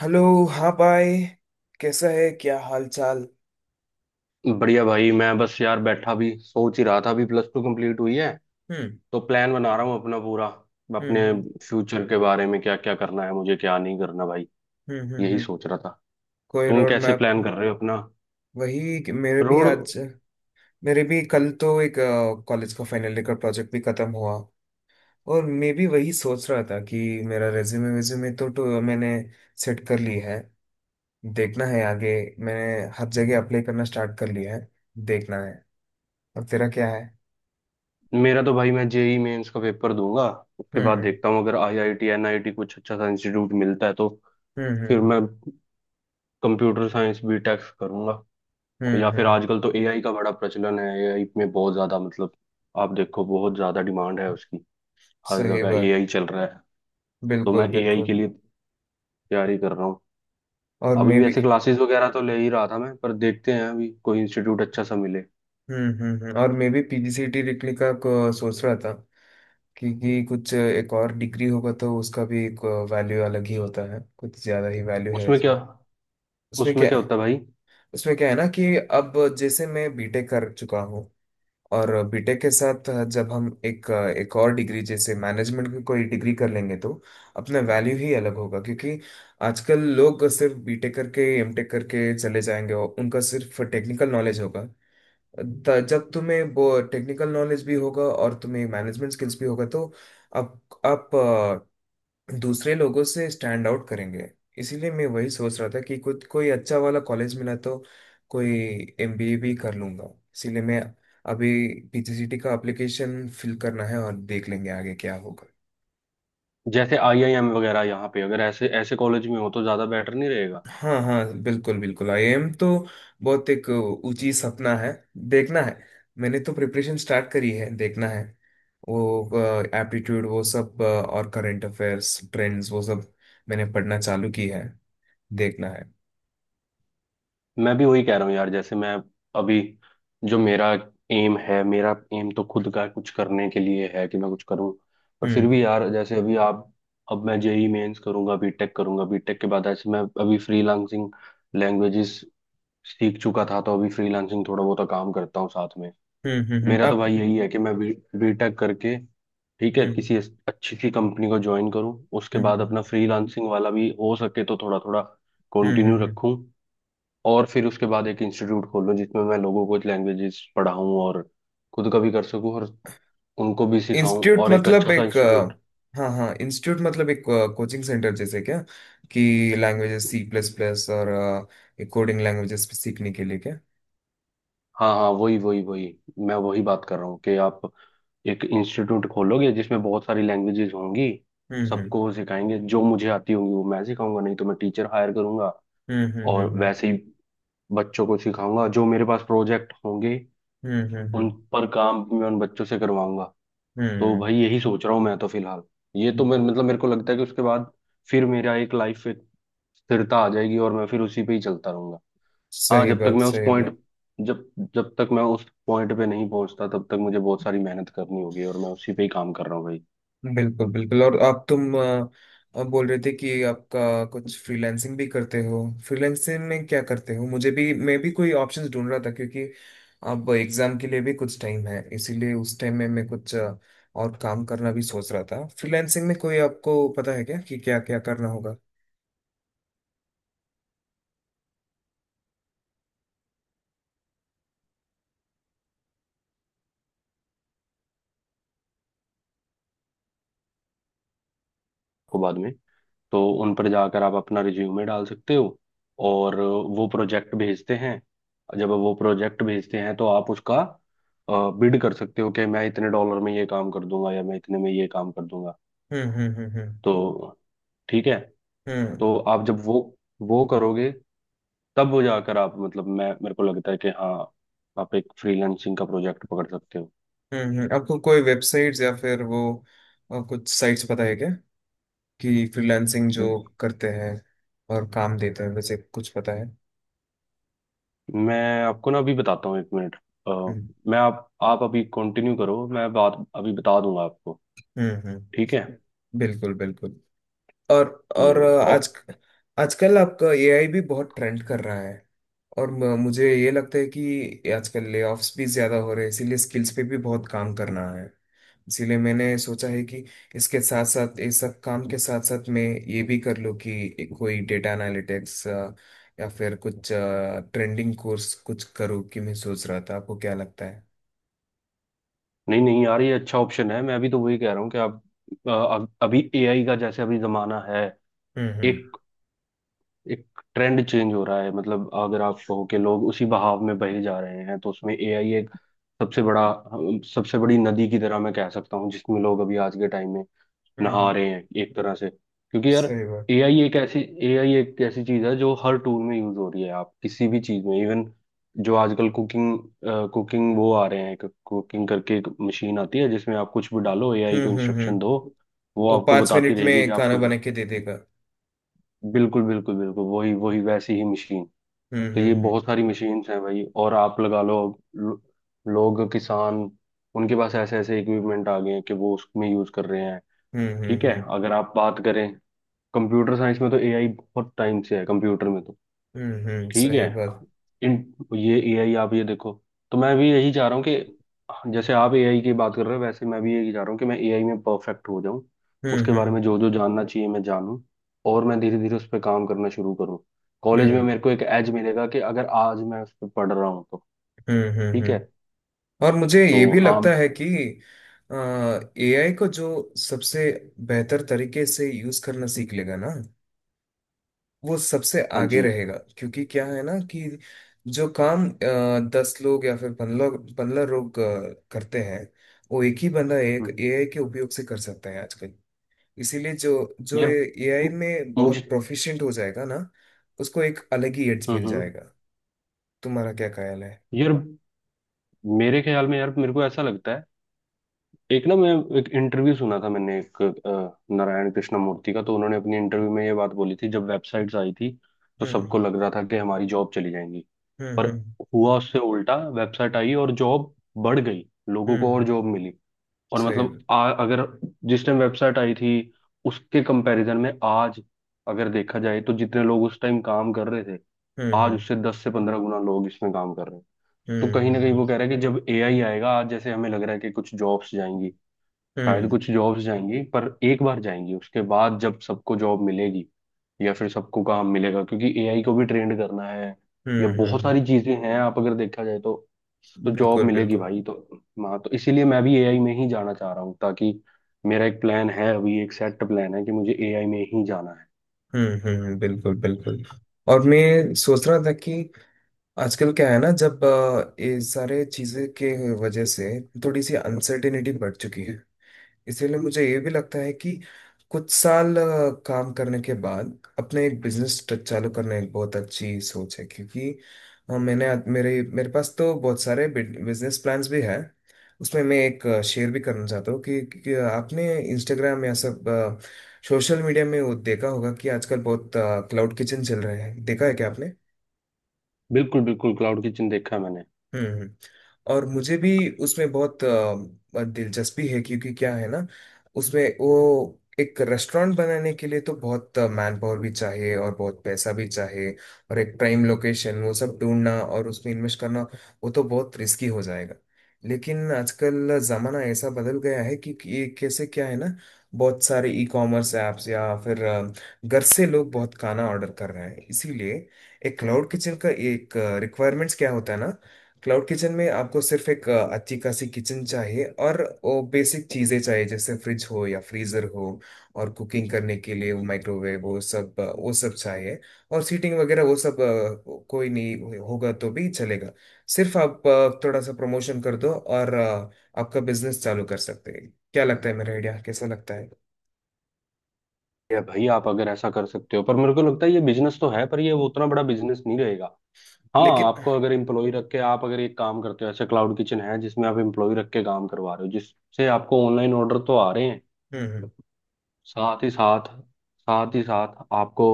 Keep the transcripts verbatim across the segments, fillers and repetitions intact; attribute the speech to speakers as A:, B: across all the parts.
A: Hello. हाँ भाई। कैसा है, क्या हाल चाल?
B: बढ़िया भाई, मैं बस यार बैठा भी सोच ही रहा था। अभी प्लस टू कंप्लीट हुई है,
A: हम्म,
B: तो प्लान बना रहा हूँ अपना पूरा
A: हम्म,
B: अपने
A: हम्म,
B: फ्यूचर के बारे में, क्या क्या करना है मुझे, क्या नहीं करना भाई।
A: हम्म, हम्म,
B: यही
A: हम्म।
B: सोच रहा था।
A: कोई
B: तुम
A: रोड
B: कैसे
A: मैप?
B: प्लान कर रहे हो अपना
A: वही कि मेरे भी
B: रोड?
A: आज मेरे भी कल तो एक कॉलेज का फाइनल ईयर का प्रोजेक्ट भी खत्म हुआ। और मैं भी वही सोच रहा था कि मेरा रेज्यूमे वेज्यूमे तो, तो मैंने सेट कर ली है। देखना है आगे। मैंने हर जगह अप्लाई करना स्टार्ट कर लिया है। देखना है। और तेरा क्या है?
B: मेरा तो भाई, मैं जेई मेंस का पेपर दूंगा। उसके
A: हम्म,
B: बाद
A: हम्म,
B: देखता हूँ, अगर आईआईटी एनआईटी कुछ अच्छा सा इंस्टीट्यूट मिलता है, तो फिर
A: हम्म,
B: मैं कंप्यूटर साइंस बीटेक करूंगा।
A: हम्म,
B: या
A: हम्म,
B: फिर
A: हम्म,
B: आजकल तो एआई का बड़ा प्रचलन है। एआई में बहुत ज्यादा मतलब, आप देखो बहुत ज्यादा डिमांड है उसकी। हर
A: सही
B: जगह
A: बात।
B: एआई चल रहा है। तो मैं
A: बिल्कुल
B: एआई के
A: बिल्कुल।
B: लिए तैयारी कर रहा हूँ।
A: और
B: अभी
A: मैं भी।
B: वैसे क्लासेस वगैरह तो ले ही रहा था मैं, पर देखते हैं अभी कोई इंस्टीट्यूट अच्छा सा मिले।
A: हम्म, हम्म, हम्म। और मैं भी पी जी सी टी लिखने का को सोच रहा था क्योंकि कुछ एक और डिग्री होगा तो उसका भी एक वैल्यू अलग ही होता है। कुछ ज्यादा ही वैल्यू है
B: उसमें क्या
A: उसमें। उसमें
B: उसमें
A: क्या
B: क्या
A: है?
B: होता है भाई?
A: उसमें क्या है ना कि अब जैसे मैं बीटेक कर चुका हूँ। और बीटेक के साथ जब हम एक एक और डिग्री जैसे मैनेजमेंट की कोई डिग्री कर लेंगे तो अपना वैल्यू ही अलग होगा क्योंकि आजकल लोग सिर्फ बीटेक करके एमटेक करके चले जाएंगे और उनका सिर्फ टेक्निकल नॉलेज होगा। त- जब तुम्हें वो टेक्निकल नॉलेज भी होगा और तुम्हें मैनेजमेंट स्किल्स भी होगा तो आप आप अ, दूसरे लोगों से स्टैंड आउट करेंगे। इसीलिए मैं वही सोच रहा था कि कुछ कोई अच्छा वाला कॉलेज मिला तो कोई एम बी ए भी कर लूंगा। इसीलिए मैं अभी पीजीसीटी का एप्लीकेशन फिल करना है और देख लेंगे आगे क्या होगा।
B: जैसे आईआईएम वगैरह, यहाँ पे अगर ऐसे ऐसे कॉलेज में हो तो ज़्यादा बेटर नहीं रहेगा?
A: हाँ, हाँ, बिल्कुल बिल्कुल। आई एम तो बहुत एक ऊंची सपना है। देखना है। मैंने तो प्रिपरेशन स्टार्ट करी है। देखना है। वो एप्टीट्यूड वो सब अ, और करंट अफेयर्स ट्रेंड्स वो सब मैंने पढ़ना चालू की है। देखना है।
B: मैं भी वही कह रहा हूँ यार। जैसे मैं अभी, जो मेरा एम है, मेरा एम तो खुद का कुछ करने के लिए है कि मैं कुछ करूँ। पर फिर भी
A: हम्म,
B: यार, जैसे अभी आप, अब मैं जेई मेंस करूंगा, बीटेक करूंगा, बीटेक के बाद ऐसे मैं अभी फ्रीलांसिंग लैंग्वेजेस सीख चुका था, तो अभी फ्रीलांसिंग थोड़ा बहुत काम करता हूँ साथ में।
A: हम्म, हम्म, हम्म,
B: मेरा तो
A: आप।
B: भाई यही है कि मैं बी बीटेक करके, ठीक
A: हम्म,
B: है,
A: हम्म,
B: किसी अस- अच्छी सी कंपनी को ज्वाइन करूँ। उसके बाद
A: हम्म,
B: अपना फ्रीलांसिंग वाला भी हो सके तो थोड़ा थोड़ा
A: हम्म,
B: कंटिन्यू
A: हम्म, हम्म।
B: रखूँ। और फिर उसके बाद एक इंस्टीट्यूट खोलूँ जिसमें मैं लोगों को लैंग्वेजेस पढ़ाऊँ, और खुद का भी कर सकूँ, और उनको भी सिखाऊँ,
A: इंस्टीट्यूट
B: और एक
A: मतलब
B: अच्छा सा
A: एक
B: इंस्टीट्यूट।
A: अ, हाँ, हाँ, इंस्टीट्यूट मतलब एक कोचिंग सेंटर जैसे क्या, कि लैंग्वेजेस सी प्लस प्लस और कोडिंग लैंग्वेजेस सीखने के लिए क्या?
B: हाँ हाँ, वही वही वही, मैं वही बात कर रहा हूँ कि आप एक इंस्टीट्यूट खोलोगे जिसमें बहुत सारी लैंग्वेजेस होंगी।
A: हम्म, हम्म,
B: सबको वो सिखाएंगे, जो मुझे आती होंगी वो मैं सिखाऊंगा, नहीं तो मैं टीचर हायर करूंगा।
A: हम्म, हम्म,
B: और
A: हम्म,
B: वैसे ही बच्चों को सिखाऊंगा। जो मेरे पास प्रोजेक्ट होंगे
A: हम्म, हम्म,
B: उन
A: हम्म,
B: पर काम मैं उन बच्चों से करवाऊंगा। तो
A: हम्म।
B: भाई यही सोच रहा हूँ मैं तो फिलहाल। ये तो मेरे,
A: हम्म।
B: मतलब मेरे को लगता है कि उसके बाद फिर मेरा एक लाइफ, एक स्थिरता आ जाएगी और मैं फिर उसी पे ही चलता रहूंगा। हाँ,
A: सही
B: जब तक
A: बात,
B: मैं उस
A: सही बात।
B: पॉइंट जब जब तक मैं उस पॉइंट पे नहीं पहुंचता, तब तक मुझे बहुत सारी मेहनत करनी होगी, और मैं उसी पे ही काम कर रहा हूँ भाई।
A: बिल्कुल बिल्कुल। और आप तुम अ, अ, बोल रहे थे कि आपका कुछ फ्रीलांसिंग भी करते हो। फ्रीलांसिंग में क्या करते हो? मुझे भी मैं भी कोई ऑप्शंस ढूंढ रहा था क्योंकि अब एग्जाम के लिए भी कुछ टाइम है, इसीलिए उस टाइम में मैं कुछ अ, और काम करना भी सोच रहा था। फ्रीलांसिंग में कोई आपको पता है क्या कि क्या क्या करना होगा?
B: को बाद में, तो उन पर जाकर आप अपना रिज्यूमे डाल सकते हो, और वो प्रोजेक्ट भेजते हैं। जब वो प्रोजेक्ट भेजते हैं, तो आप उसका बिड कर सकते हो कि मैं इतने डॉलर में ये काम कर दूंगा या मैं इतने में ये काम कर दूंगा।
A: हम्म, हम्म, हम्म, हम्म,
B: तो ठीक है।
A: हम्म,
B: तो आप जब वो वो करोगे, तब वो जाकर आप, मतलब मैं, मेरे को लगता है कि हाँ, आप एक फ्रीलांसिंग का प्रोजेक्ट पकड़ सकते हो।
A: हम्म, हम्म। आपको कोई वेबसाइट्स या फिर वो अ, कुछ साइट्स पता है क्या, कि फ्रीलांसिंग जो करते हैं और काम देते हैं वैसे कुछ पता है?
B: मैं आपको ना अभी बताता हूँ, एक मिनट। अ,
A: हम्म,
B: मैं, आप आप अभी कंटिन्यू करो, मैं बात अभी बता दूंगा आपको।
A: हम्म, हम्म,
B: ठीक है।
A: बिल्कुल बिल्कुल। और और
B: हम्म, ओ।
A: आज आजकल आपका ए आई भी बहुत ट्रेंड कर रहा है। और म- मुझे ये लगता है कि आजकल लेऑफ्स भी ज्यादा हो रहे हैं इसीलिए स्किल्स पे भी बहुत काम करना है। इसीलिए मैंने सोचा है कि इसके साथ साथ इस सब काम के साथ साथ मैं ये भी कर लूँ कि कोई डेटा एनालिटिक्स या फिर कुछ ट्रेंडिंग कोर्स कुछ करूँ। कि मैं सोच रहा था आपको क्या लगता है?
B: नहीं नहीं यार, ये अच्छा ऑप्शन है। मैं अभी तो वही कह रहा हूँ कि आप, अ, अब- अभी एआई का जैसे अभी जमाना है।
A: हम्म, हम्म,
B: एक एक ट्रेंड चेंज हो रहा है। मतलब अगर आप कहो कि लोग उसी बहाव में बहे जा रहे हैं, तो उसमें एआई एक सबसे बड़ा सबसे बड़ी नदी की तरह मैं कह सकता हूँ, जिसमें लोग अभी आज के टाइम में
A: हम्म,
B: नहा
A: हम्म,
B: रहे हैं एक तरह से। क्योंकि यार,
A: सही बात।
B: एआई एक ऐसी एआई एक ऐसी चीज है जो हर टूल में यूज हो रही है। आप किसी भी चीज में, इवन जो आजकल कुकिंग, कुकिंग वो आ रहे हैं, कुकिंग करके एक मशीन आती है जिसमें आप कुछ भी डालो, एआई
A: हम्म,
B: को
A: हम्म, हम्म।
B: इंस्ट्रक्शन दो, वो
A: वो
B: आपको
A: पाँच
B: बताती
A: मिनट
B: रहेगी कि
A: में खाना
B: आपको।
A: बना के दे देगा।
B: बिल्कुल बिल्कुल बिल्कुल, वही वही, वैसी ही मशीन।
A: हम्म,
B: तो ये
A: हम्म,
B: बहुत सारी मशीन्स हैं भाई। और आप लगा लो, लो- लोग, किसान, उनके पास ऐसे ऐसे इक्विपमेंट आ गए हैं कि वो उसमें यूज कर रहे हैं।
A: हम्म, हम्म,
B: ठीक है,
A: हम्म,
B: अगर आप बात करें कंप्यूटर साइंस में, तो एआई बहुत टाइम से है कंप्यूटर में। तो
A: हम्म, हम्म, हम्म,
B: ठीक है।
A: सही बात।
B: इन, ये एआई, आप ये देखो। तो मैं भी यही चाह रहा हूँ कि जैसे आप एआई की बात कर रहे हो, वैसे मैं भी यही चाह रहा हूँ कि मैं एआई में परफेक्ट हो जाऊँ।
A: हम्म,
B: उसके बारे
A: हम्म,
B: में जो जो जानना चाहिए मैं जानूँ। और मैं धीरे धीरे उस पर काम करना शुरू करूँ। कॉलेज में मेरे
A: हम्म,
B: को एक एज मिलेगा कि अगर आज मैं उस पर पढ़ रहा हूँ तो।
A: हम्म, हम्म,
B: ठीक है
A: हम्म। और मुझे
B: तो,
A: ये भी
B: हाँ।
A: लगता है कि एआई को जो सबसे बेहतर तरीके से यूज करना सीख लेगा ना वो सबसे
B: हाँ
A: आगे
B: जी।
A: रहेगा, क्योंकि क्या है ना कि जो काम अ, दस लोग या फिर पंद्रह पंद्रह लोग अ, करते हैं वो एक ही बंदा एक
B: हम्म।
A: एआई के उपयोग से कर सकता है आजकल। इसीलिए जो जो
B: यार
A: एआई में
B: मुझे।
A: बहुत प्रोफिशिएंट हो जाएगा ना उसको एक अलग ही एड्स
B: हम्म।
A: मिल
B: हम्म।
A: जाएगा। तुम्हारा क्या ख्याल है?
B: यार मेरे ख्याल में, यार मेरे को ऐसा लगता है, एक ना, मैं एक इंटरव्यू सुना था मैंने, एक अ, नारायण कृष्ण मूर्ति का। तो उन्होंने अपनी इंटरव्यू में ये बात बोली थी, जब वेबसाइट्स आई थी, तो
A: हम्म,
B: सबको लग रहा था कि हमारी जॉब चली जाएंगी।
A: हम्म,
B: पर
A: हम्म,
B: हुआ उससे उल्टा, वेबसाइट आई और जॉब बढ़ गई, लोगों को और
A: हम्म,
B: जॉब मिली। और
A: सही।
B: मतलब
A: हम्म,
B: आ, अगर जिस टाइम वेबसाइट आई थी उसके कंपैरिजन में आज अगर देखा जाए, तो जितने लोग उस टाइम काम कर रहे थे, आज
A: हम्म,
B: उससे दस से पंद्रह गुना लोग इसमें काम कर रहे हैं। तो
A: हम्म,
B: कहीं ना कहीं
A: हम्म,
B: वो कह रहा है कि जब एआई आएगा, आज जैसे हमें लग रहा है कि कुछ जॉब्स जाएंगी, शायद
A: हम्म,
B: कुछ जॉब्स जाएंगी, पर एक बार जाएंगी, उसके बाद जब सबको जॉब मिलेगी, या फिर सबको काम मिलेगा, क्योंकि एआई को भी ट्रेंड करना है। या
A: हम्म,
B: बहुत
A: हम्म,
B: सारी चीजें हैं, आप अगर देखा जाए, तो तो जॉब
A: बिल्कुल
B: मिलेगी
A: बिल्कुल।
B: भाई। तो हाँ, तो इसीलिए मैं भी एआई में ही जाना चाह रहा हूँ, ताकि, मेरा एक प्लान है, अभी एक सेट प्लान है कि मुझे एआई में ही जाना है।
A: हम्म, हम्म, हम्म, बिल्कुल बिल्कुल। और मैं सोच रहा था कि आजकल क्या है ना जब अ, ये सारे चीजें के वजह से थोड़ी सी अनसर्टेनिटी बढ़ चुकी है। इसीलिए मुझे ये भी लगता है कि कुछ साल अ, काम करने के बाद अपने एक बिजनेस चालू करना एक बहुत अच्छी सोच है, क्योंकि अ, मैंने आज- मेरे मेरे पास तो बहुत सारे बिजनेस प्लान्स भी है। उसमें मैं एक शेयर भी करना चाहता हूँ कि, कि आपने इंस्टाग्राम या सब सोशल मीडिया में वो देखा होगा कि आजकल बहुत क्लाउड किचन चल रहे हैं। देखा है क्या आपने?
B: बिल्कुल बिल्कुल, क्लाउड किचन देखा है मैंने।
A: हम्म, हम्म। और मुझे भी उसमें बहुत अ, दिलचस्पी है क्योंकि क्या है ना, उसमें वो एक रेस्टोरेंट बनाने के लिए तो बहुत मैन पावर भी चाहिए और बहुत पैसा भी चाहिए। और एक प्राइम लोकेशन वो सब ढूंढना और उसमें इन्वेस्ट करना, वो तो बहुत रिस्की हो जाएगा। लेकिन आजकल जमाना ऐसा बदल गया है कि कि ये कैसे क्या है ना, बहुत सारे ई कॉमर्स ऐप्स या फिर अ, घर से लोग बहुत खाना ऑर्डर कर रहे हैं। इसीलिए एक क्लाउड किचन का एक रिक्वायरमेंट्स क्या होता है ना। क्लाउड किचन में आपको सिर्फ एक अ, अच्छी खासी किचन चाहिए, और वो बेसिक चीज़ें चाहिए, जैसे फ्रिज हो या फ्रीज़र हो, और कुकिंग करने के लिए वो माइक्रोवेव वो सब अ, वो सब चाहिए। और सीटिंग वगैरह वो सब अ, कोई नहीं हो- होगा तो भी चलेगा। सिर्फ आप अ, थोड़ा सा प्रमोशन कर दो और अ, आपका बिजनेस चालू कर सकते हैं। क्या लगता है, मेरा आइडिया कैसा लगता है?
B: ये भाई, आप अगर ऐसा कर सकते हो, पर मेरे को लगता है ये बिजनेस तो है, पर ये वो उतना बड़ा बिजनेस नहीं रहेगा। हाँ,
A: लेकिन।
B: आपको अगर एम्प्लॉय रख के आप अगर एक काम करते हो, ऐसे क्लाउड किचन है जिसमें आप एम्प्लॉय रख के काम करवा रहे हो, जिससे आपको ऑनलाइन ऑर्डर तो आ रहे हैं।
A: हम्म, हम्म,
B: साथ ही साथ साथ ही साथ आपको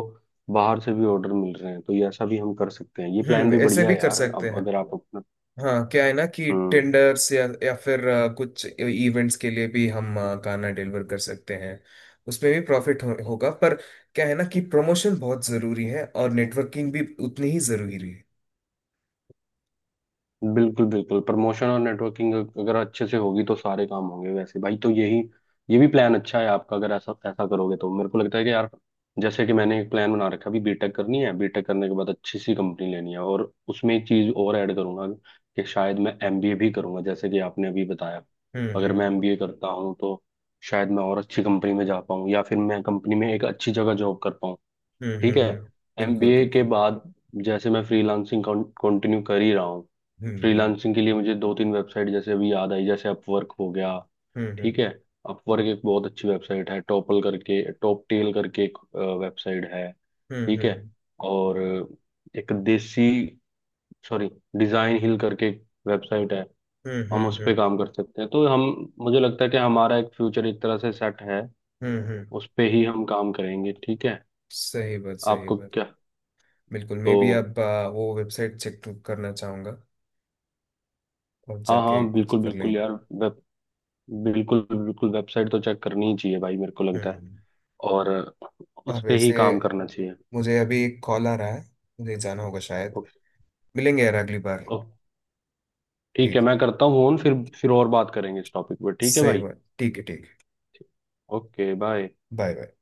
B: बाहर से भी ऑर्डर मिल रहे हैं, तो ये ऐसा भी हम कर सकते हैं। ये प्लान
A: हम्म,
B: भी
A: ऐसे
B: बढ़िया
A: भी
B: है
A: कर
B: यार।
A: सकते
B: अब
A: हैं।
B: अगर आप अपना,
A: हाँ, क्या है ना कि
B: हम्म।
A: टेंडर्स या या फिर अ, कुछ इवेंट्स के लिए भी हम अ, गाना डिलीवर कर सकते हैं। उसमें भी प्रॉफिट हो, होगा, पर क्या है ना कि प्रमोशन बहुत जरूरी है, और नेटवर्किंग भी उतनी ही जरूरी है।
B: बिल्कुल बिल्कुल, प्रमोशन और नेटवर्किंग अगर अच्छे से होगी तो सारे काम होंगे वैसे भाई। तो यही, ये भी प्लान अच्छा है आपका। अगर ऐसा ऐसा करोगे तो मेरे को लगता है कि यार, जैसे कि मैंने एक प्लान बना रखा है, अभी बीटेक करनी है, बीटेक करने के बाद अच्छी सी कंपनी लेनी है, और उसमें एक चीज और ऐड करूंगा कि शायद मैं एमबीए भी करूंगा, जैसे कि आपने अभी बताया।
A: हम्म,
B: अगर
A: हम्म,
B: मैं
A: हम्म,
B: एमबीए करता हूँ तो शायद मैं और अच्छी कंपनी में जा पाऊँ, या फिर मैं कंपनी में एक अच्छी जगह जॉब कर पाऊँ।
A: हम्म,
B: ठीक है।
A: हम्म, हम्म, बिल्कुल
B: एमबीए के
A: बिल्कुल।
B: बाद, जैसे मैं फ्रीलांसिंग कंटिन्यू कर ही रहा हूँ।
A: हम्म, हम्म,
B: फ्रीलांसिंग के लिए मुझे दो तीन वेबसाइट जैसे अभी याद आई, जैसे अपवर्क हो गया।
A: हम्म,
B: ठीक है। अपवर्क एक बहुत अच्छी वेबसाइट है। टॉपल करके, टॉप टेल करके एक वेबसाइट है।
A: हम्म, हम्म,
B: ठीक है।
A: हम्म,
B: और एक देसी, सॉरी, डिजाइन हिल करके वेबसाइट है।
A: हम्म,
B: हम
A: हम्म,
B: उस पे
A: हम्म,
B: काम कर सकते हैं। तो हम, मुझे लगता है कि हमारा एक फ्यूचर एक तरह से सेट है।
A: हम्म, हम्म।
B: उस पे ही हम काम करेंगे। ठीक है।
A: सही बात, सही
B: आपको
A: बात।
B: क्या,
A: बिल्कुल मैं
B: तो
A: भी अब अ, वो वेबसाइट चेक करना चाहूंगा, और
B: हाँ
A: जाके
B: हाँ,
A: कुछ
B: बिल्कुल
A: कर
B: बिल्कुल
A: लेंगे।
B: यार वेब, बिल्कुल बिल्कुल, वेबसाइट तो चेक करनी ही चाहिए भाई, मेरे को लगता है।
A: हम्म।
B: और
A: और
B: उस पे ही
A: वैसे
B: काम करना चाहिए।
A: मुझे अभी एक कॉल आ रहा है, मुझे जाना होगा शायद।
B: ओके,
A: मिलेंगे यार अगली बार।
B: ओके, ठीक है,
A: ठीक है।
B: मैं करता हूँ फोन फिर। फिर और बात करेंगे इस टॉपिक पे, ठीक है
A: सही
B: भाई।
A: बात, ठीक है, ठीक है।
B: Okay, bye.
A: Bye bye.